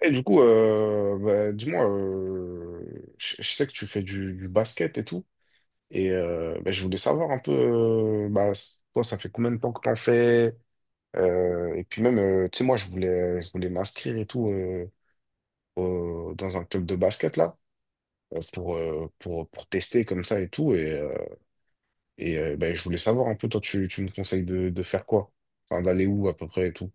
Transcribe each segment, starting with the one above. Et du coup, bah, dis-moi, je sais que tu fais du basket et tout, et bah, je voulais savoir un peu, bah, toi, ça fait combien de temps que t'en fais? Et puis même, tu sais, moi, je voulais m'inscrire et tout dans un club de basket là, pour tester comme ça et tout, et bah, je voulais savoir un peu, toi, tu me conseilles de faire quoi? Enfin, d'aller où à peu près et tout.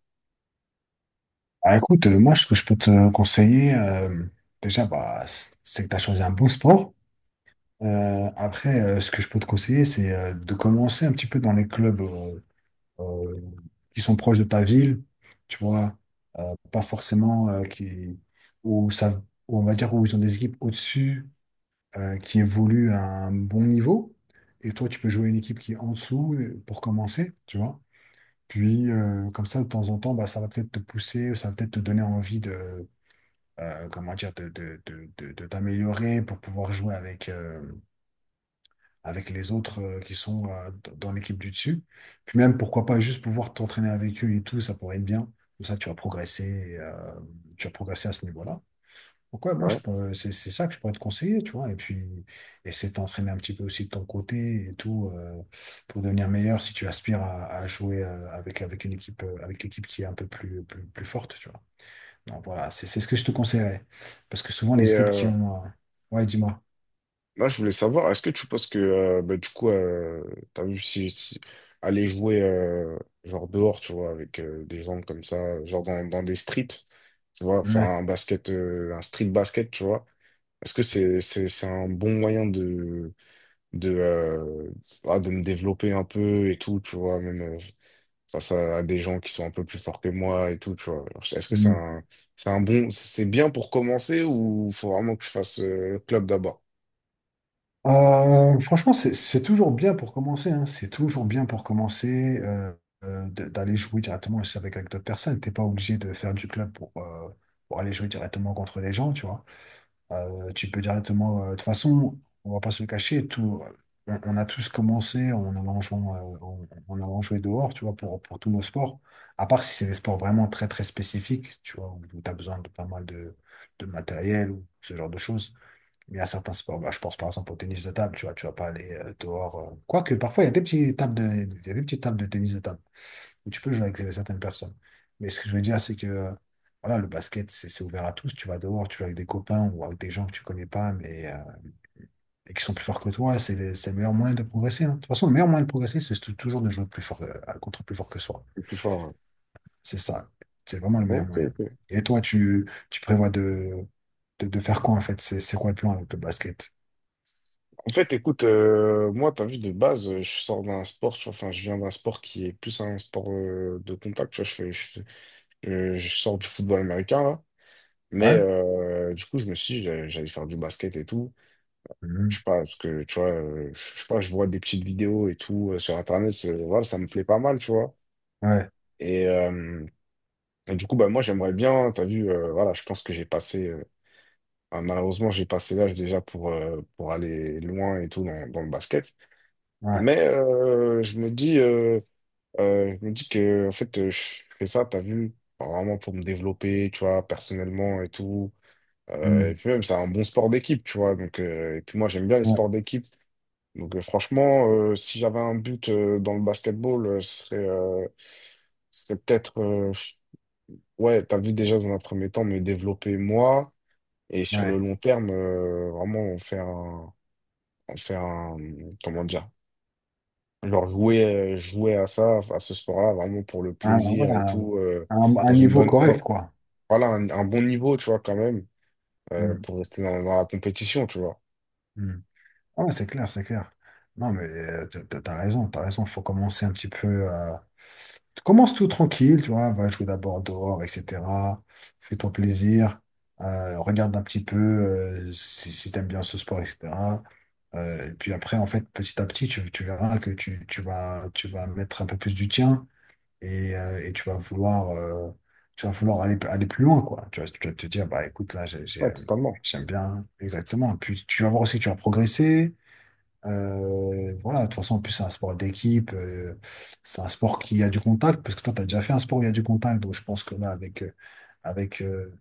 Ah, écoute, moi, ce que je peux te conseiller, déjà, bah, c'est que tu as choisi un bon sport. Après, ce que je peux te conseiller, c'est de commencer un petit peu dans les clubs euh, qui sont proches de ta ville, tu vois, euh, pas forcément qui, où ça, où on va dire où ils ont des équipes au-dessus qui évoluent à un bon niveau. Et toi, tu peux jouer une équipe qui est en dessous pour commencer, tu vois. Puis, comme ça, de temps en temps, bah, ça va peut-être te pousser, ça va peut-être te donner envie de comment dire, de t'améliorer pour pouvoir jouer avec, avec les autres qui sont dans l'équipe du dessus. Puis même, pourquoi pas juste pouvoir t'entraîner avec eux et tout, ça pourrait être bien. Comme ça, tu vas progresser, tu vas progresser à ce niveau-là. Donc ouais, moi, Ouais. C'est ça que je pourrais te conseiller, tu vois. Et puis, essayer de t'entraîner un petit peu aussi de ton côté et tout, pour devenir meilleur si tu aspires à jouer avec une équipe, avec l'équipe qui est un peu plus forte, tu vois. Donc voilà, c'est ce que je te conseillerais. Parce que souvent, Et, les équipes qui ont. Ouais, dis-moi. là, je voulais savoir, est-ce que tu penses que, bah, du coup, t'as vu aller jouer, genre dehors, tu vois, avec des gens comme ça, genre dans des streets, tu vois, faire Ouais. un basket, un street basket, tu vois, est-ce que c'est un bon moyen de, euh, ah, de me développer un peu et tout, tu vois, même face à des gens qui sont un peu plus forts que moi et tout, tu vois. Alors, est-ce que Mm. C'est bien pour commencer ou faut vraiment que je fasse club d'abord, Franchement, c'est toujours bien pour commencer, hein. C'est toujours bien pour commencer d'aller jouer directement aussi avec, avec d'autres personnes. T'es pas obligé de faire du club pour aller jouer directement contre des gens, tu vois. Tu peux directement. De toute façon, on va pas se le cacher, tout, on a tous commencé en allant jouer, en allant jouer dehors, tu vois, pour tous nos sports. À part si c'est des sports vraiment très, très spécifiques, tu vois, où, tu as besoin de pas mal de matériel ou ce genre de choses. Mais il y a certains sports, bah, je pense par exemple au tennis de table, tu vois, tu vas pas aller dehors. Quoique, parfois, il y a des petites tables de tennis de table où tu peux jouer avec certaines personnes. Mais ce que je veux dire, c'est que voilà, le basket, c'est ouvert à tous. Tu vas dehors, tu joues avec des copains ou avec des gens que tu connais pas, mais et qui sont plus forts que toi. C'est le meilleur moyen de progresser, hein. De toute façon, le meilleur moyen de progresser, c'est toujours de jouer plus fort, contre plus fort que soi. le plus fort? C'est ça. C'est vraiment le meilleur Ok, moyen. ok. Et toi, tu prévois de faire quoi en fait? C'est quoi le plan avec le basket? En fait, écoute, moi, t'as vu, de base, je sors d'un sport, tu vois, enfin, je viens d'un sport qui est plus un sport de contact, tu vois, je sors du football américain, là, mais Ouais. Du coup, je me suis dit, j'allais faire du basket et tout, je Mhm. sais pas, parce que, tu vois, je sais pas, je vois des petites vidéos et tout sur Internet, voilà, ça me plaît pas mal, tu vois, Ouais. et, euh, et du coup, bah, moi, j'aimerais bien, t'as vu, voilà, je pense que j'ai passé, ah, malheureusement, j'ai passé l'âge déjà pour aller loin et tout dans le basket. Ouais. Mais je me dis que en fait, je fais ça, t'as vu, vraiment pour me développer, tu vois, personnellement et tout. Et Mhm. puis même, c'est un bon sport d'équipe, tu vois. Donc, et puis moi, j'aime bien les Ouais. sports d'équipe. Donc, franchement, si j'avais un but dans le basketball, ce serait peut-être, ouais, t'as vu déjà dans un premier temps, me développer moi. Et sur Ouais. le long terme, vraiment en faire un, en faire un, comment dire? Genre jouer, jouer à ça, à ce sport-là, vraiment pour le Un, ouais, plaisir et un, tout, un- dans un une niveau bonne, correct, dans- quoi. voilà, un bon niveau, tu vois, quand même, Hmm. pour rester dans la compétition, tu vois. Hmm. Ouais, c'est clair, c'est clair. Non, mais t'as raison, t'as raison. Faut commencer un petit peu. Tu commences tout tranquille, tu vois. Va jouer d'abord dehors, etc. Fais-toi plaisir. Regarde un petit peu si t'aimes bien ce sport, etc. Et puis après, en fait, petit à petit, tu verras que tu vas mettre un peu plus du tien et tu vas vouloir, tu vas vouloir aller, plus loin, quoi. Tu vas te dire, bah écoute, là, Ouais, totalement. j'aime bien, exactement. Puis tu vas voir aussi que tu vas progresser. Voilà, de toute façon, en plus, c'est un sport d'équipe, c'est un sport qui a du contact, parce que toi, tu as déjà fait un sport où il y a du contact, donc je pense que là, avec, euh,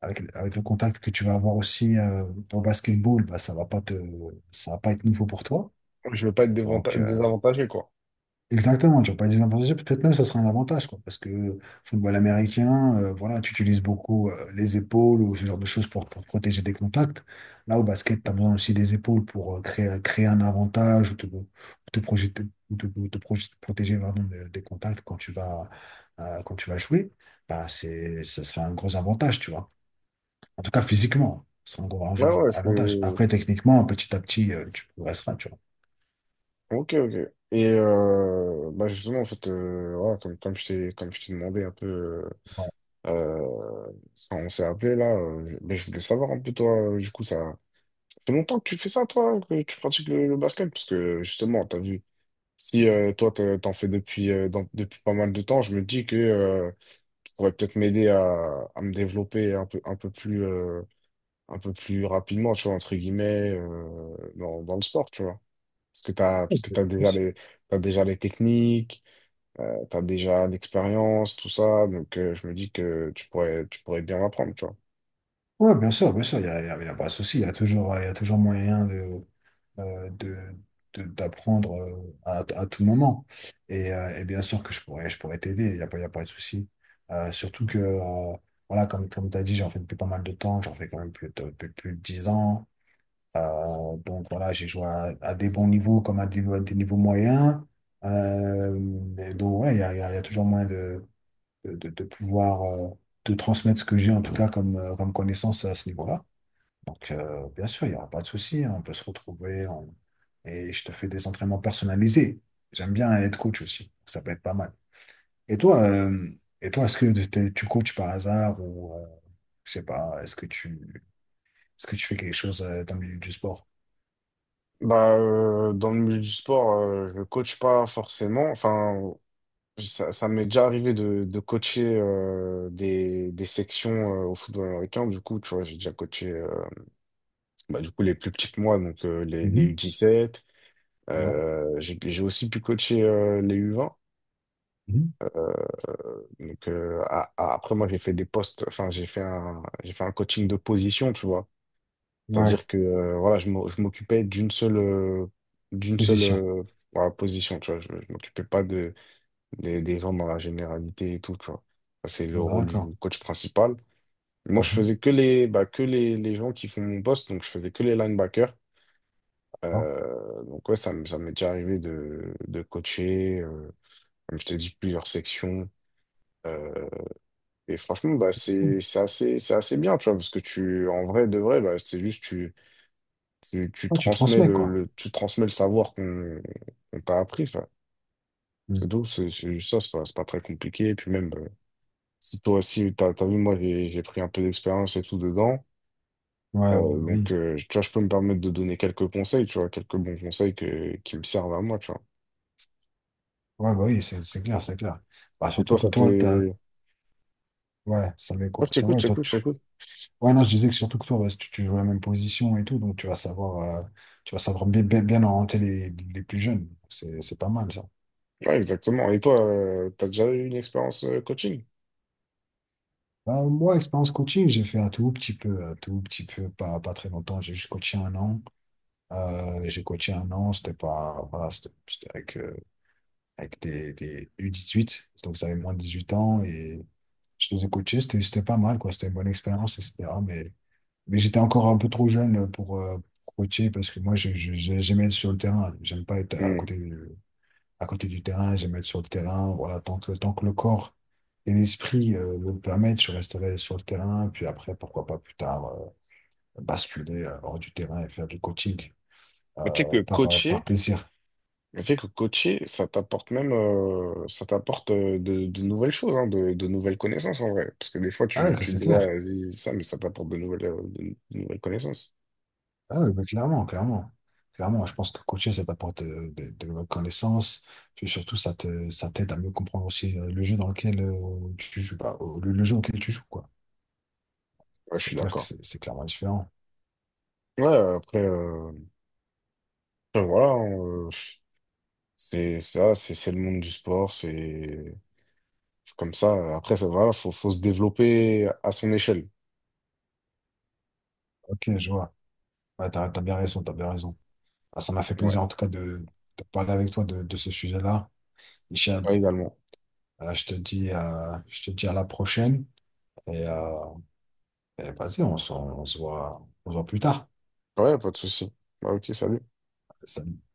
avec le contact que tu vas avoir aussi au basketball, bah, ça va pas être nouveau pour toi. Je veux pas être Donc, désavantagé, quoi. exactement, tu vas pas dire n'importe quoi, peut-être même ça serait un avantage, quoi, parce que football américain, voilà, tu utilises beaucoup les épaules ou ce genre de choses pour te protéger des contacts. Là, au basket, tu as besoin aussi des épaules pour créer un avantage ou te projeter, ou te protéger, pardon, des contacts quand tu vas, quand tu vas jouer. Bah, ça serait un gros avantage, tu vois. En tout cas, physiquement, ce serait un gros Ouais, ouais, avantage. je Après, techniquement, petit à petit, tu progresseras, tu vois. Ok, ok. Et bah justement, en fait, voilà, comme je t'ai demandé un peu. Euh, enfin, on s'est appelé là. Mais je voulais savoir un peu toi, du coup, ça fait longtemps que tu fais ça, toi, que tu pratiques le basket, parce que justement, t'as vu, si toi t'en fais depuis pas mal de temps, je me dis que tu pourrais peut-être m'aider à me développer un peu plus rapidement, tu vois, entre guillemets, dans le sport, tu vois. Parce que Voilà. T'as déjà les techniques, t'as déjà l'expérience, tout ça, donc je me dis que tu pourrais bien m'apprendre, tu vois. Oui, bien sûr, il y a pas de souci, il y a toujours moyen euh, de, d'apprendre à tout moment. Et bien sûr que je pourrais t'aider, il y a pas de souci. Surtout que, voilà, comme tu as dit, j'en fais depuis pas mal de temps, j'en fais quand même plus de 10 ans. Donc voilà, j'ai joué à des bons niveaux comme à des niveaux moyens. Euh, et donc voilà, il y a toujours moyen de pouvoir de transmettre ce que j'ai en tout cas comme, comme connaissance à ce niveau-là. Donc, bien sûr, il n'y aura pas de souci, hein. On peut se retrouver et je te fais des entraînements personnalisés. J'aime bien être coach aussi. Ça peut être pas mal. Et toi, euh, et toi, est-ce que tu coaches par hasard ou je sais pas, est-ce que tu fais quelque chose dans le milieu du sport? Bah, dans le milieu du sport, je ne coach pas forcément. Enfin, ça m'est déjà arrivé de coacher des sections au football américain. Du coup, tu vois, j'ai déjà coaché bah, du coup, les plus petits que moi, donc les Mhm. U17. Ouais. J'ai aussi pu coacher les U20. Mhm. Donc, après, moi, j'ai fait des postes, enfin, j'ai fait un coaching de position, tu vois. Ouais. C'est-à-dire que voilà, je m'occupais d'une seule Position. Voilà, position, tu vois. Je m'occupais pas des gens dans la généralité et tout, tu vois. Ça, c'est le rôle D'accord. du coach principal. Moi, je Mhm, faisais que les, bah, les gens qui font mon poste, donc je faisais que les linebackers. d'accord. Donc ouais, ça m'est déjà arrivé de coacher, comme je t'ai dit, plusieurs sections. Euh, et franchement, bah, Ok. C'est assez bien, tu vois, parce que tu, en vrai, de vrai, bah, c'est juste, tu Ouais, tu transmets quoi. Tu transmets le savoir qu'on t'a appris, tu vois. C'est Mhm. tout, c'est juste ça, c'est pas très compliqué. Et puis même, bah, si toi aussi, t'as vu, moi, j'ai pris un peu d'expérience et tout dedans. Ouais, ouais, Donc, oui. Tu vois, je peux me permettre de donner quelques conseils, tu vois, quelques bons conseils qui me servent à moi, tu vois. Ouais, bah oui, c'est clair, c'est clair. Bah, Et toi, surtout que ça t'est... toi, t'as. Ouais, Ouais, ça met quoi? je C'est t'écoute, vrai, je toi, t'écoute, tu. je t'écoute. Ouais, non, je disais que surtout que toi, bah, tu joues la même position et tout, donc tu vas savoir, tu vas savoir bien, bien, bien orienter les plus jeunes. C'est pas mal, ça. Ouais, exactement. Et toi, t'as déjà eu une expérience coaching? Bah, moi, expérience coaching, j'ai fait un tout petit peu, un tout petit peu, pas très longtemps. J'ai juste coaché 1 an. J'ai coaché 1 an, c'était pas, voilà, c'était avec, avec des U18, donc ça avait moins de 18 ans et je les ai coachés, c'était pas mal, quoi. C'était une bonne expérience, etc. Mais j'étais encore un peu trop jeune pour coacher parce que moi, j'aimais être sur le terrain. J'aime pas être à Hmm. côté du, à côté du terrain. J'aime être sur le terrain. Voilà, tant que le corps et l'esprit me le permettent, je resterai sur le terrain. Puis après, pourquoi pas plus tard, basculer hors du terrain et faire du coaching Mais Tu sais que par coacher, plaisir. mais tu sais que coacher, ça t'apporte de nouvelles choses, hein, de nouvelles connaissances en vrai. Parce que des fois, Ah, que tu c'est dis, ouais, clair. vas-y, ça, mais ça t'apporte de nouvelles connaissances. Ah oui, bah, clairement, clairement. Clairement, je pense que coacher, ça t'apporte de nouvelles connaissances. Puis surtout, ça t'aide à mieux comprendre aussi le jeu dans lequel tu joues, bah, le jeu auquel tu joues, quoi. Ouais, je C'est suis clair que d'accord. c'est clairement différent. Ouais, après, voilà, hein, c'est ça, c'est le monde du sport, c'est comme ça. Après, ça, voilà, faut se développer à son échelle. Ok, je vois. Ouais, t'as bien raison, t'as bien raison. Ah, ça m'a fait Ouais, plaisir, en tout cas, de parler avec toi de ce sujet-là. Hicham, ouais, également. Je te dis à la prochaine. Et, euh, et vas-y, on se voit plus tard. Ouais, pas de souci. Bah, ok, salut. Salut.